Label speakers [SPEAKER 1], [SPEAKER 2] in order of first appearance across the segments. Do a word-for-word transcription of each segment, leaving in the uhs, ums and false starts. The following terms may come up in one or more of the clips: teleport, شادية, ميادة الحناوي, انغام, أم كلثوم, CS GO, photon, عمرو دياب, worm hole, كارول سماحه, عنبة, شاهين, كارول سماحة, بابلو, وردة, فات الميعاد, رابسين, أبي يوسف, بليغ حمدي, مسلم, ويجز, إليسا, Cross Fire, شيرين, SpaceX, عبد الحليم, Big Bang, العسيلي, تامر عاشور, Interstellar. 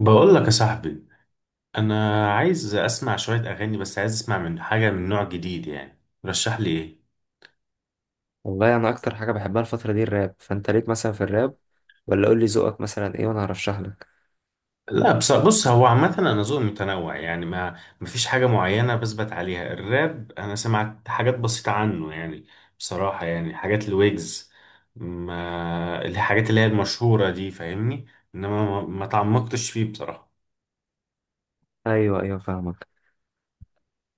[SPEAKER 1] بقول لك يا صاحبي، انا عايز اسمع شويه اغاني، بس عايز اسمع من حاجه من نوع جديد يعني. رشح لي ايه؟
[SPEAKER 2] والله انا اكتر حاجه بحبها الفتره دي الراب، فانت ليك مثلا في الراب؟ ولا قول لي ذوقك مثلا ايه وانا هرشح لك.
[SPEAKER 1] لا، بص بص هو عامه انا ذوقي متنوع يعني، ما مفيش حاجه معينه بثبت عليها. الراب انا سمعت حاجات بسيطه عنه يعني، بصراحه يعني حاجات الويجز، ما الحاجات اللي هي المشهوره دي، فاهمني؟ انما ما ما تعمقتش فيه بصراحه.
[SPEAKER 2] ايوه، ايوه، فاهمك.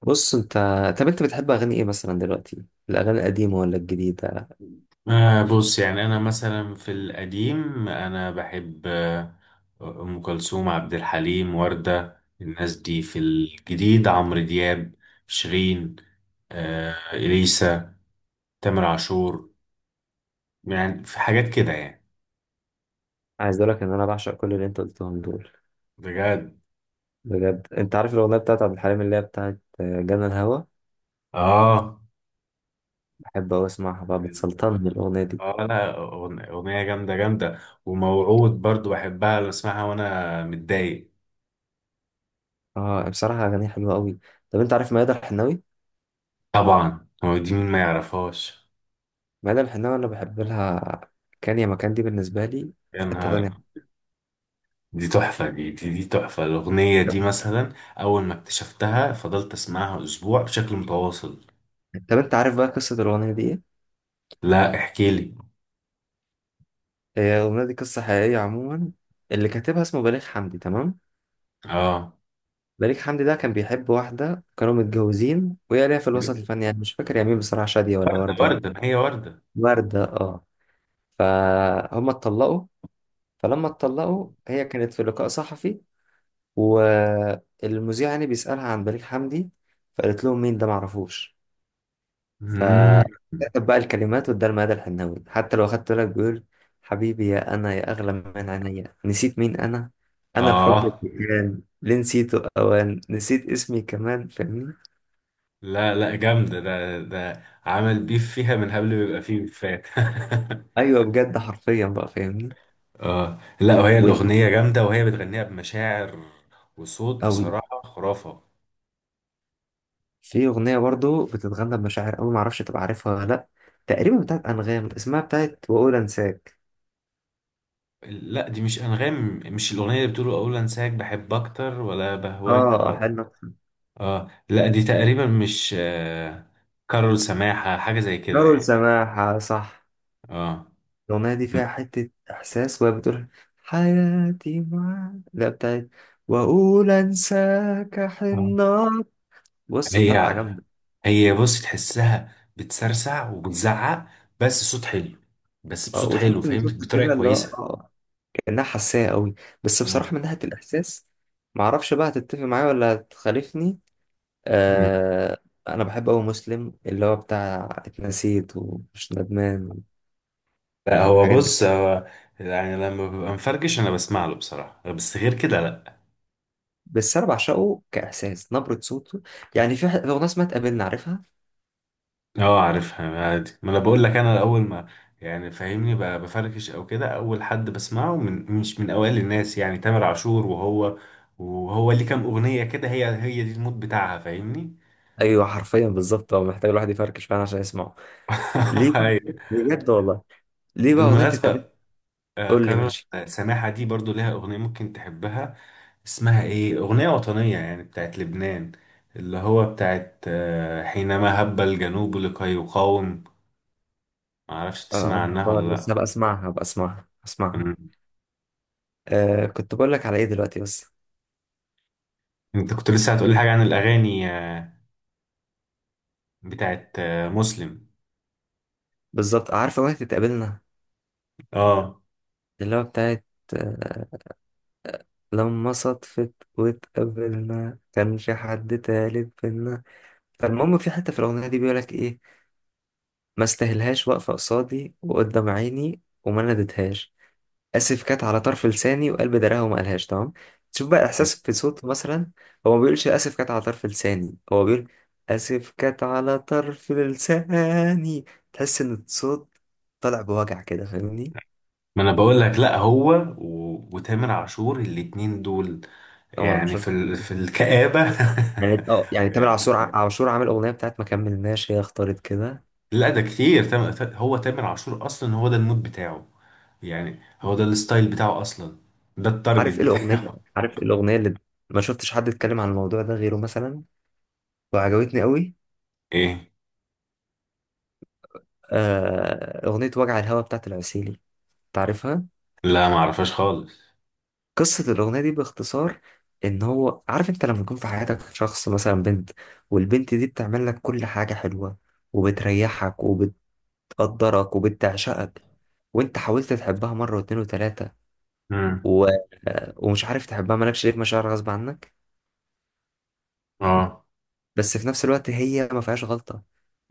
[SPEAKER 2] بص انت. طب انت بتحب اغاني ايه مثلا دلوقتي، الاغاني القديمه ولا الجديده؟
[SPEAKER 1] آه بص، يعني أنا مثلا في القديم أنا بحب آه، أم كلثوم، عبد الحليم، وردة، الناس دي. في الجديد عمرو دياب، شيرين، آه إليسا، تامر عاشور، يعني في حاجات كده يعني.
[SPEAKER 2] عايز اقول لك ان انا بعشق كل اللي انت قلتهم دول.
[SPEAKER 1] بجد؟
[SPEAKER 2] بجد، انت عارف الاغنيه بتاعت عبد الحليم اللي هي بتاعت جنى الهوى؟
[SPEAKER 1] آه.
[SPEAKER 2] بحب اوي اسمعها بقى،
[SPEAKER 1] يعني-
[SPEAKER 2] بتسلطني الاغنيه دي.
[SPEAKER 1] آه لا، أغن- أغنية جامدة جامدة. وموعود برضو بحبها، بسمعها وأنا متضايق.
[SPEAKER 2] اه، بصراحه اغانيها حلوه قوي. طب انت عارف ميادة الحناوي؟
[SPEAKER 1] طبعا، هو دي مين ما يعرفهاش؟
[SPEAKER 2] ميادة الحناوي، انا بحب لها. كان يا مكان دي بالنسبه لي.
[SPEAKER 1] يا
[SPEAKER 2] في حته
[SPEAKER 1] نهار!
[SPEAKER 2] تانية.
[SPEAKER 1] دي تحفة، دي دي دي تحفة الأغنية دي مثلا. أول ما اكتشفتها فضلت أسمعها أسبوع بشكل متواصل.
[SPEAKER 2] طب انت عارف بقى قصه الاغنيه دي ايه؟
[SPEAKER 1] لا، احكي لي.
[SPEAKER 2] هي الأغنية دي قصة حقيقية عموما. اللي كاتبها اسمه بليغ حمدي، تمام؟
[SPEAKER 1] آه.
[SPEAKER 2] بليغ حمدي ده كان بيحب واحدة، كانوا متجوزين وهي ليها في الوسط الفني، يعني مش فاكر يا مين بصراحة، شادية ولا
[SPEAKER 1] ده
[SPEAKER 2] وردة ولا.
[SPEAKER 1] وردة، ما هي وردة.
[SPEAKER 2] وردة، اه. فهم اتطلقوا. فلما اتطلقوا هي كانت في لقاء صحفي، والمذيع يعني بيسألها عن بليغ حمدي، فقالت لهم مين ده، معرفوش.
[SPEAKER 1] مم.
[SPEAKER 2] فكتب بقى الكلمات واداها لمدى الحناوي، حتى لو اخدت بالك بيقول: حبيبي يا انا، يا اغلى من عينيا، نسيت مين انا. انا الحب
[SPEAKER 1] آه.
[SPEAKER 2] اللي كان ليه نسيته، اوان نسيت اسمي كمان، فاهمني؟
[SPEAKER 1] لا لا، جامدة. ده ده عمل بيف فيها من قبل ما يبقى فيه بيفات.
[SPEAKER 2] ايوه بجد، حرفيا بقى، فاهمني؟
[SPEAKER 1] آه لا، وهي
[SPEAKER 2] وانت.
[SPEAKER 1] الأغنية جامدة، وهي بتغنيها بمشاعر وصوت
[SPEAKER 2] او.
[SPEAKER 1] بصراحة خرافة.
[SPEAKER 2] في اغنيه برضو بتتغنى بمشاعر قوي، معرفش تبقى عارفها ولا لا. تقريبا بتاعت انغام، اسمها بتاعت واقول انساك.
[SPEAKER 1] لا، دي مش أنغام. مش الأغنية اللي بتقول أقول أنساك بحب أكتر ولا بهواك؟
[SPEAKER 2] اه، حلو.
[SPEAKER 1] اه. لا دي تقريبا مش، آه، كارول سماحة، حاجة زي كده
[SPEAKER 2] كارول
[SPEAKER 1] يعني.
[SPEAKER 2] سماحه، صح.
[SPEAKER 1] اه.
[SPEAKER 2] الأغنية دي
[SPEAKER 1] م-
[SPEAKER 2] فيها حتة إحساس، وهي بتقول: حياتي معاك، لا بتاعت وأقول أنساك،
[SPEAKER 1] آه.
[SPEAKER 2] حنات. بص، طالعة
[SPEAKER 1] هي،
[SPEAKER 2] جامدة.
[SPEAKER 1] هي بص تحسها بتسرسع وبتزعق، بس صوت حلو، بس
[SPEAKER 2] آه،
[SPEAKER 1] بصوت حلو
[SPEAKER 2] وتحس إن
[SPEAKER 1] فاهم،
[SPEAKER 2] صوتها كده
[SPEAKER 1] بطريقة
[SPEAKER 2] اللي هو
[SPEAKER 1] كويسة.
[SPEAKER 2] آه، كأنها حساسة قوي. بس
[SPEAKER 1] آه.
[SPEAKER 2] بصراحة من ناحية الإحساس، معرفش بقى هتتفق معايا ولا هتخالفني.
[SPEAKER 1] مم.
[SPEAKER 2] آه. أنا بحب أوي مسلم، اللي هو بتاع اتنسيت ومش ندمان
[SPEAKER 1] لا، هو
[SPEAKER 2] والحاجات دي.
[SPEAKER 1] بص، هو يعني لما ببقى مفرجش انا بسمع له بصراحة، بس غير كده لا.
[SPEAKER 2] بس أنا بعشقه كإحساس، نبرة صوته. يعني في ح- في أغنية اسمها تقابلنا، عارفها؟
[SPEAKER 1] اه عارفها عادي. ما انا بقول لك انا اول ما، يعني فاهمني، ب- بفركش او كده اول حد بسمعه، من مش من اوائل الناس يعني، تامر عاشور وهو، وهو ليه كام اغنيه كده، هي هي دي المود بتاعها فاهمني.
[SPEAKER 2] ايوه حرفيا بالظبط، هو محتاج الواحد يفركش فعلا عشان يسمعه. ليه بقى؟
[SPEAKER 1] أيوة.
[SPEAKER 2] بجد والله. ليه بقى اغنيه تتقابل؟
[SPEAKER 1] بالمناسبه آه،
[SPEAKER 2] قول لي
[SPEAKER 1] كارول
[SPEAKER 2] ماشي.
[SPEAKER 1] سماحه دي برضو ليها اغنيه ممكن تحبها. اسمها ايه؟ اغنيه وطنيه يعني بتاعت لبنان، اللي هو بتاعت، آه، حينما هب الجنوب لكي يقاوم. معرفش تسمع
[SPEAKER 2] اه،
[SPEAKER 1] عنها
[SPEAKER 2] آه، لسه
[SPEAKER 1] ولا
[SPEAKER 2] هبقى اسمعها، هبقى اسمعها، اسمعها.
[SPEAKER 1] لا؟
[SPEAKER 2] آه، كنت بقول لك على ايه دلوقتي بس.
[SPEAKER 1] انت كنت لسه هتقولي حاجة عن الأغاني، آه، بتاعت آه، مسلم.
[SPEAKER 2] بالظبط، عارف اغنيه تتقابلنا،
[SPEAKER 1] اه.
[SPEAKER 2] اللي هو بتاعت آه لما صدفت واتقابلنا، كانش حد تالت بينا. فالمهم، في حته في الاغنيه دي بيقول لك ايه: ما استاهلهاش، واقفه قصادي وقدام عيني، وما نديتهاش. اسف كانت على طرف لساني، وقلب دراها وما قالهاش، تمام. تشوف بقى احساس في صوت مثلا. هو ما بيقولش اسف كانت على طرف لساني، هو بيقول: اسف كانت على طرف لساني. تحس ان الصوت طالع بوجع كده، فاهمني؟
[SPEAKER 1] ما انا بقول لك، لا هو و... وتامر عاشور الاتنين دول
[SPEAKER 2] عمر
[SPEAKER 1] يعني
[SPEAKER 2] عاشور
[SPEAKER 1] في
[SPEAKER 2] في
[SPEAKER 1] ال... في
[SPEAKER 2] حتة.
[SPEAKER 1] الكآبة.
[SPEAKER 2] يعني اه، يعني تامر عاشور ع-
[SPEAKER 1] يعني
[SPEAKER 2] عاشور عامل اغنيه بتاعت ما كملناش، هي اختارت كده.
[SPEAKER 1] لا، ده كتير. تام... تا- هو تامر عاشور اصلا هو ده المود بتاعه، يعني هو ده الستايل بتاعه اصلا، ده التارجت
[SPEAKER 2] عارف ايه الاغنيه،
[SPEAKER 1] بتاعه.
[SPEAKER 2] عارف ايه الاغنيه اللي ما شفتش حد اتكلم عن الموضوع ده غيره مثلا، وعجبتني قوي؟
[SPEAKER 1] ايه؟
[SPEAKER 2] آه، اغنيه وجع الهوا بتاعت العسيلي. تعرفها؟
[SPEAKER 1] لا ما اعرفش خالص.
[SPEAKER 2] قصة الأغنية دي باختصار، إن هو عارف، أنت لما يكون في حياتك شخص مثلا بنت، والبنت دي بتعمل لك كل حاجة حلوة، وبتريحك، وبتقدرك وبتعشقك، وأنت حاولت تحبها مرة واتنين وتلاتة،
[SPEAKER 1] امم.
[SPEAKER 2] و... ومش عارف تحبها، مالكش ليه مشاعر غصب عنك.
[SPEAKER 1] اه.
[SPEAKER 2] بس في نفس الوقت هي ما فيهاش غلطة،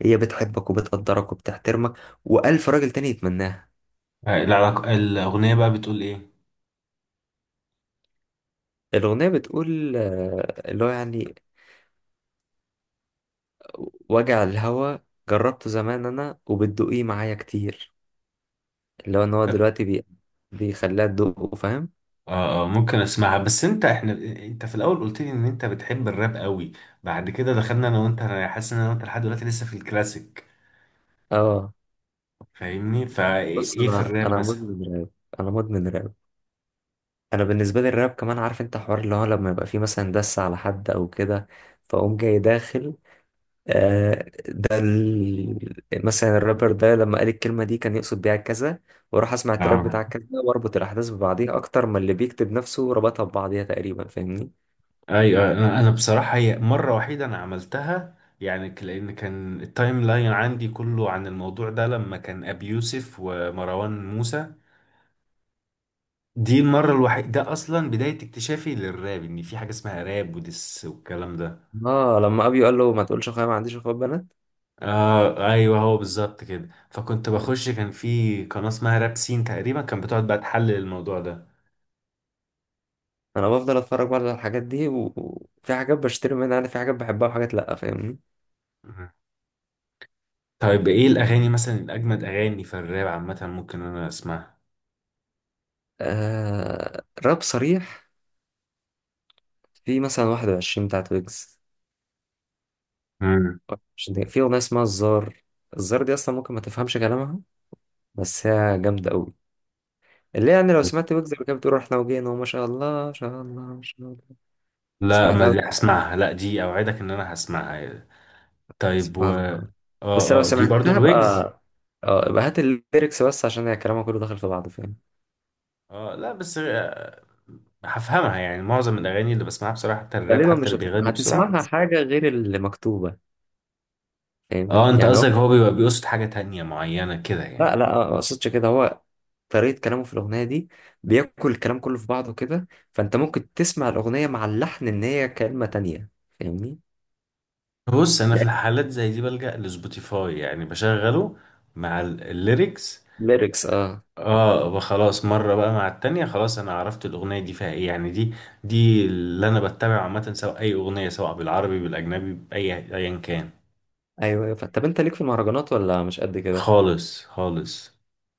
[SPEAKER 2] هي بتحبك وبتقدرك وبتحترمك، وألف راجل تاني يتمناها.
[SPEAKER 1] آه، العلاقة الأغنية بقى بتقول ايه؟
[SPEAKER 2] الأغنية بتقول آه، اللي هو يعني: وجع الهوى، جربته زمان أنا وبتدوقيه معايا كتير. اللي هو ان هو دلوقتي بي... بيخليها تدوقه، فاهم؟
[SPEAKER 1] اه. آه، ممكن اسمعها، بس انت احنا، انت في الاول قلت لي ان انت بتحب الراب قوي، بعد كده دخلنا انا وانت، انا حاسس ان انا وانت لحد دلوقتي لسه في الكلاسيك
[SPEAKER 2] اه،
[SPEAKER 1] فاهمني.
[SPEAKER 2] بص،
[SPEAKER 1] فايه في
[SPEAKER 2] انا
[SPEAKER 1] الراب
[SPEAKER 2] انا
[SPEAKER 1] مثلا؟
[SPEAKER 2] مدمن راب. انا مدمن راب. انا بالنسبه لي الراب كمان، عارف انت حوار اللي هو لما يبقى فيه مثلا دس على حد او كده، فاقوم جاي داخل. آه ده ال... مثلا الرابر ده لما قال الكلمه دي كان يقصد بيها كذا، واروح اسمع التراك
[SPEAKER 1] اه
[SPEAKER 2] بتاع كذا واربط الاحداث ببعضيها اكتر ما اللي بيكتب نفسه ربطها ببعضيها تقريبا، فاهمني؟
[SPEAKER 1] ايوه، انا انا بصراحه هي مره وحيده انا عملتها يعني، ك- لان كان التايم لاين عندي كله عن الموضوع ده، لما كان ابي يوسف ومروان موسى. دي المره الوحيده، ده اصلا بدايه اكتشافي للراب، ان في حاجه اسمها راب ودس والكلام ده.
[SPEAKER 2] اه، لما ابيو قال له ما تقولش اخويا، ما عنديش اخوات بنات.
[SPEAKER 1] اه ايوه، هو بالظبط كده. فكنت بخش، كان في قناة اسمها رابسين تقريبا، كان بتقعد بقى تحلل الموضوع ده.
[SPEAKER 2] انا بفضل اتفرج برضه على الحاجات دي و- وفي حاجات بشتري منها، انا في حاجات بحبها وحاجات لا، فاهمني؟
[SPEAKER 1] مم. طيب ايه الاغاني مثلا الاجمد اغاني في الراب عامة ممكن انا اسمعها؟
[SPEAKER 2] آه، راب صريح. في مثلا واحد وعشرين بتاعت ويجز.
[SPEAKER 1] مم.
[SPEAKER 2] مش دي- في اغنيه اسمها الزار. الزار دي اصلا ممكن ما تفهمش كلامها، بس هي جامده قوي. اللي هي يعني لو سمعت ويجز اللي كانت بتقول رحنا وجينا وما شاء الله ما شاء الله ما شاء الله.
[SPEAKER 1] لا ما
[SPEAKER 2] سمعتها؟
[SPEAKER 1] دي هسمعها، لا دي اوعدك ان انا هسمعها. طيب و
[SPEAKER 2] سبحان
[SPEAKER 1] اه،
[SPEAKER 2] الله. بس لو
[SPEAKER 1] اه دي برضو
[SPEAKER 2] سمعتها بقى.
[SPEAKER 1] الويجز.
[SPEAKER 2] اه، يبقى هات الليركس بس، عشان هي كلامها كله داخل في بعضه، فاهم؟
[SPEAKER 1] اه لا بس، آه، هفهمها يعني. معظم الاغاني اللي بسمعها بصراحة حتى الراب،
[SPEAKER 2] غالبا
[SPEAKER 1] حتى
[SPEAKER 2] مش
[SPEAKER 1] اللي
[SPEAKER 2] هتف...
[SPEAKER 1] بيغني بسرعة.
[SPEAKER 2] هتسمعها حاجة غير اللي مكتوبة. فاهم؟
[SPEAKER 1] اه، انت
[SPEAKER 2] يعني هو.
[SPEAKER 1] قصدك هو بيبقى بيقصد حاجة تانية معينة كده يعني؟
[SPEAKER 2] لا، لا، ما اقصدش كده، هو طريقة كلامه في الأغنية دي، بياكل الكلام كله في بعضه كده، فأنت ممكن تسمع الأغنية مع اللحن إن هي كلمة تانية. فاهمني؟
[SPEAKER 1] بص انا في
[SPEAKER 2] يعني.
[SPEAKER 1] الحالات زي دي بلجأ لسبوتيفاي، يعني بشغله مع ال- الليركس.
[SPEAKER 2] ليركس، اه.
[SPEAKER 1] اه بقى. خلاص مره بقى مع التانية، خلاص انا عرفت الاغنيه دي فيها ايه يعني. دي دي اللي انا بتابع عامه، سواء اي اغنيه، سواء بالعربي بالاجنبي، باي ايا كان.
[SPEAKER 2] أيوه، أيوه، ف- طب أنت ليك في المهرجانات ولا مش قد كده؟ ما
[SPEAKER 1] خالص خالص.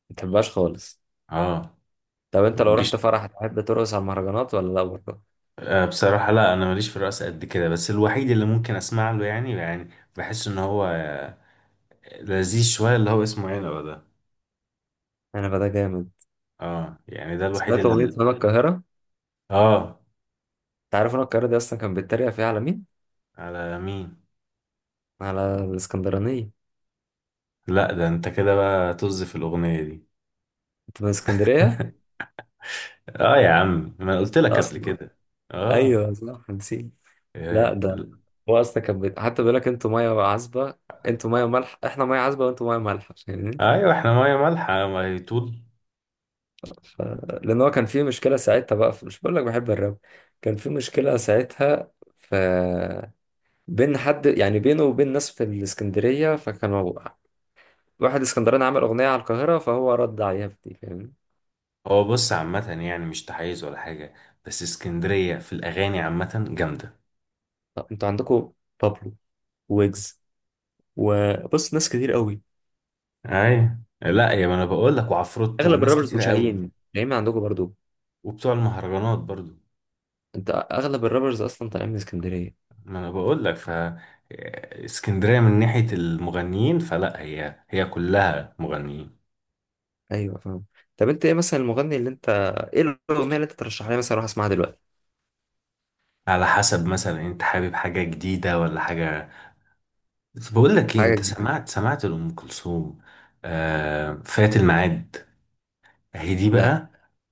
[SPEAKER 2] بتحبهاش خالص.
[SPEAKER 1] اه.
[SPEAKER 2] طب
[SPEAKER 1] ما
[SPEAKER 2] أنت لو رحت
[SPEAKER 1] بتجيش.
[SPEAKER 2] فرح تحب ترقص على المهرجانات ولا لا برضه؟
[SPEAKER 1] آه بصراحه لا، انا ماليش في الرقص قد كده. بس الوحيد اللي ممكن اسمع له يعني، يعني بحس ان هو لذيذ شويه، اللي هو اسمه عنبه ده.
[SPEAKER 2] أنا بقى ده جامد.
[SPEAKER 1] اه يعني ده الوحيد
[SPEAKER 2] سمعت أغنية
[SPEAKER 1] اللي.
[SPEAKER 2] هنا القاهرة؟ أنت
[SPEAKER 1] اه.
[SPEAKER 2] عارف هنا القاهرة دي أصلا كان بيتريق فيها على مين؟
[SPEAKER 1] على مين؟
[SPEAKER 2] على الإسكندرانية.
[SPEAKER 1] لا ده انت كده بقى طز في الاغنيه دي.
[SPEAKER 2] أنت من اسكندرية؟
[SPEAKER 1] اه يا عم، ما أنا قلت لك قبل
[SPEAKER 2] أصلا.
[SPEAKER 1] كده. اه.
[SPEAKER 2] أيوه، صح، نسيت. لا،
[SPEAKER 1] إيه.
[SPEAKER 2] ده هو اصلا كان بيت... حتى بيقول لك انتوا ميه عذبه. انتوا ميه مالحه، احنا ميه عذبه وانتوا ميه مالحه، فاهمني؟
[SPEAKER 1] ايوه احنا ميه مالحه، ميه طول.
[SPEAKER 2] ف... لان هو كان في مشكله ساعتها بقى في... مش بقول لك بحب الراب؟ كان في مشكله ساعتها، ف بين حد يعني بينه وبين ناس في الاسكندريه، فكانوا واحد اسكندراني عمل اغنيه على القاهره فهو رد عليها في دي، فاهمني؟
[SPEAKER 1] هو بص عامه يعني مش تحيز ولا حاجه، بس اسكندريه في الاغاني عامه جامده.
[SPEAKER 2] طب انتوا عندكم بابلو، ويجز، وبص ناس كتير قوي.
[SPEAKER 1] ايوه، لا يا ما انا بقول لك، وعفروتو
[SPEAKER 2] اغلب
[SPEAKER 1] وناس
[SPEAKER 2] الرابرز
[SPEAKER 1] كتير قوي،
[SPEAKER 2] وشاهين، شاهين عندكم برضو.
[SPEAKER 1] وبتوع المهرجانات برضو.
[SPEAKER 2] انت اغلب الرابرز اصلا طالعين من اسكندريه.
[SPEAKER 1] ما انا بقول لك، ف اسكندريه من ناحيه المغنيين فلا، هي هي كلها مغنيين.
[SPEAKER 2] ايوه، فاهم. طب انت ايه مثلا المغني اللي انت، ايه الاغنيه اللي انت ترشحها لي مثلا اروح اسمعها دلوقتي؟
[SPEAKER 1] على حسب، مثلا انت حابب حاجه جديده ولا حاجه؟ بس بقول لك ايه،
[SPEAKER 2] حاجه
[SPEAKER 1] انت
[SPEAKER 2] جديده.
[SPEAKER 1] سمعت سمعت لأم كلثوم آه فات الميعاد؟ اهي دي
[SPEAKER 2] لا.
[SPEAKER 1] بقى.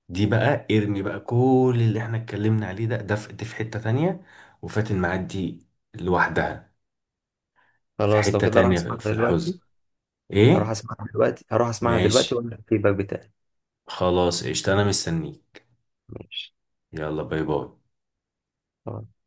[SPEAKER 1] دي بقى ارمي بقى كل اللي احنا اتكلمنا عليه ده، ده في, دي في حتة تانية. وفات الميعاد دي لوحدها في
[SPEAKER 2] خلاص، لو
[SPEAKER 1] حتة
[SPEAKER 2] كده اروح
[SPEAKER 1] تانية،
[SPEAKER 2] اسمعها
[SPEAKER 1] في
[SPEAKER 2] دلوقتي.
[SPEAKER 1] الحزن.
[SPEAKER 2] اروح
[SPEAKER 1] ايه.
[SPEAKER 2] اسمعها دلوقتي، هروح اسمعها
[SPEAKER 1] ماشي،
[SPEAKER 2] دلوقتي واقول لك الفيدباك بتاعي.
[SPEAKER 1] خلاص قشطة انا مستنيك.
[SPEAKER 2] ماشي.
[SPEAKER 1] يلا باي باي.
[SPEAKER 2] خلاص.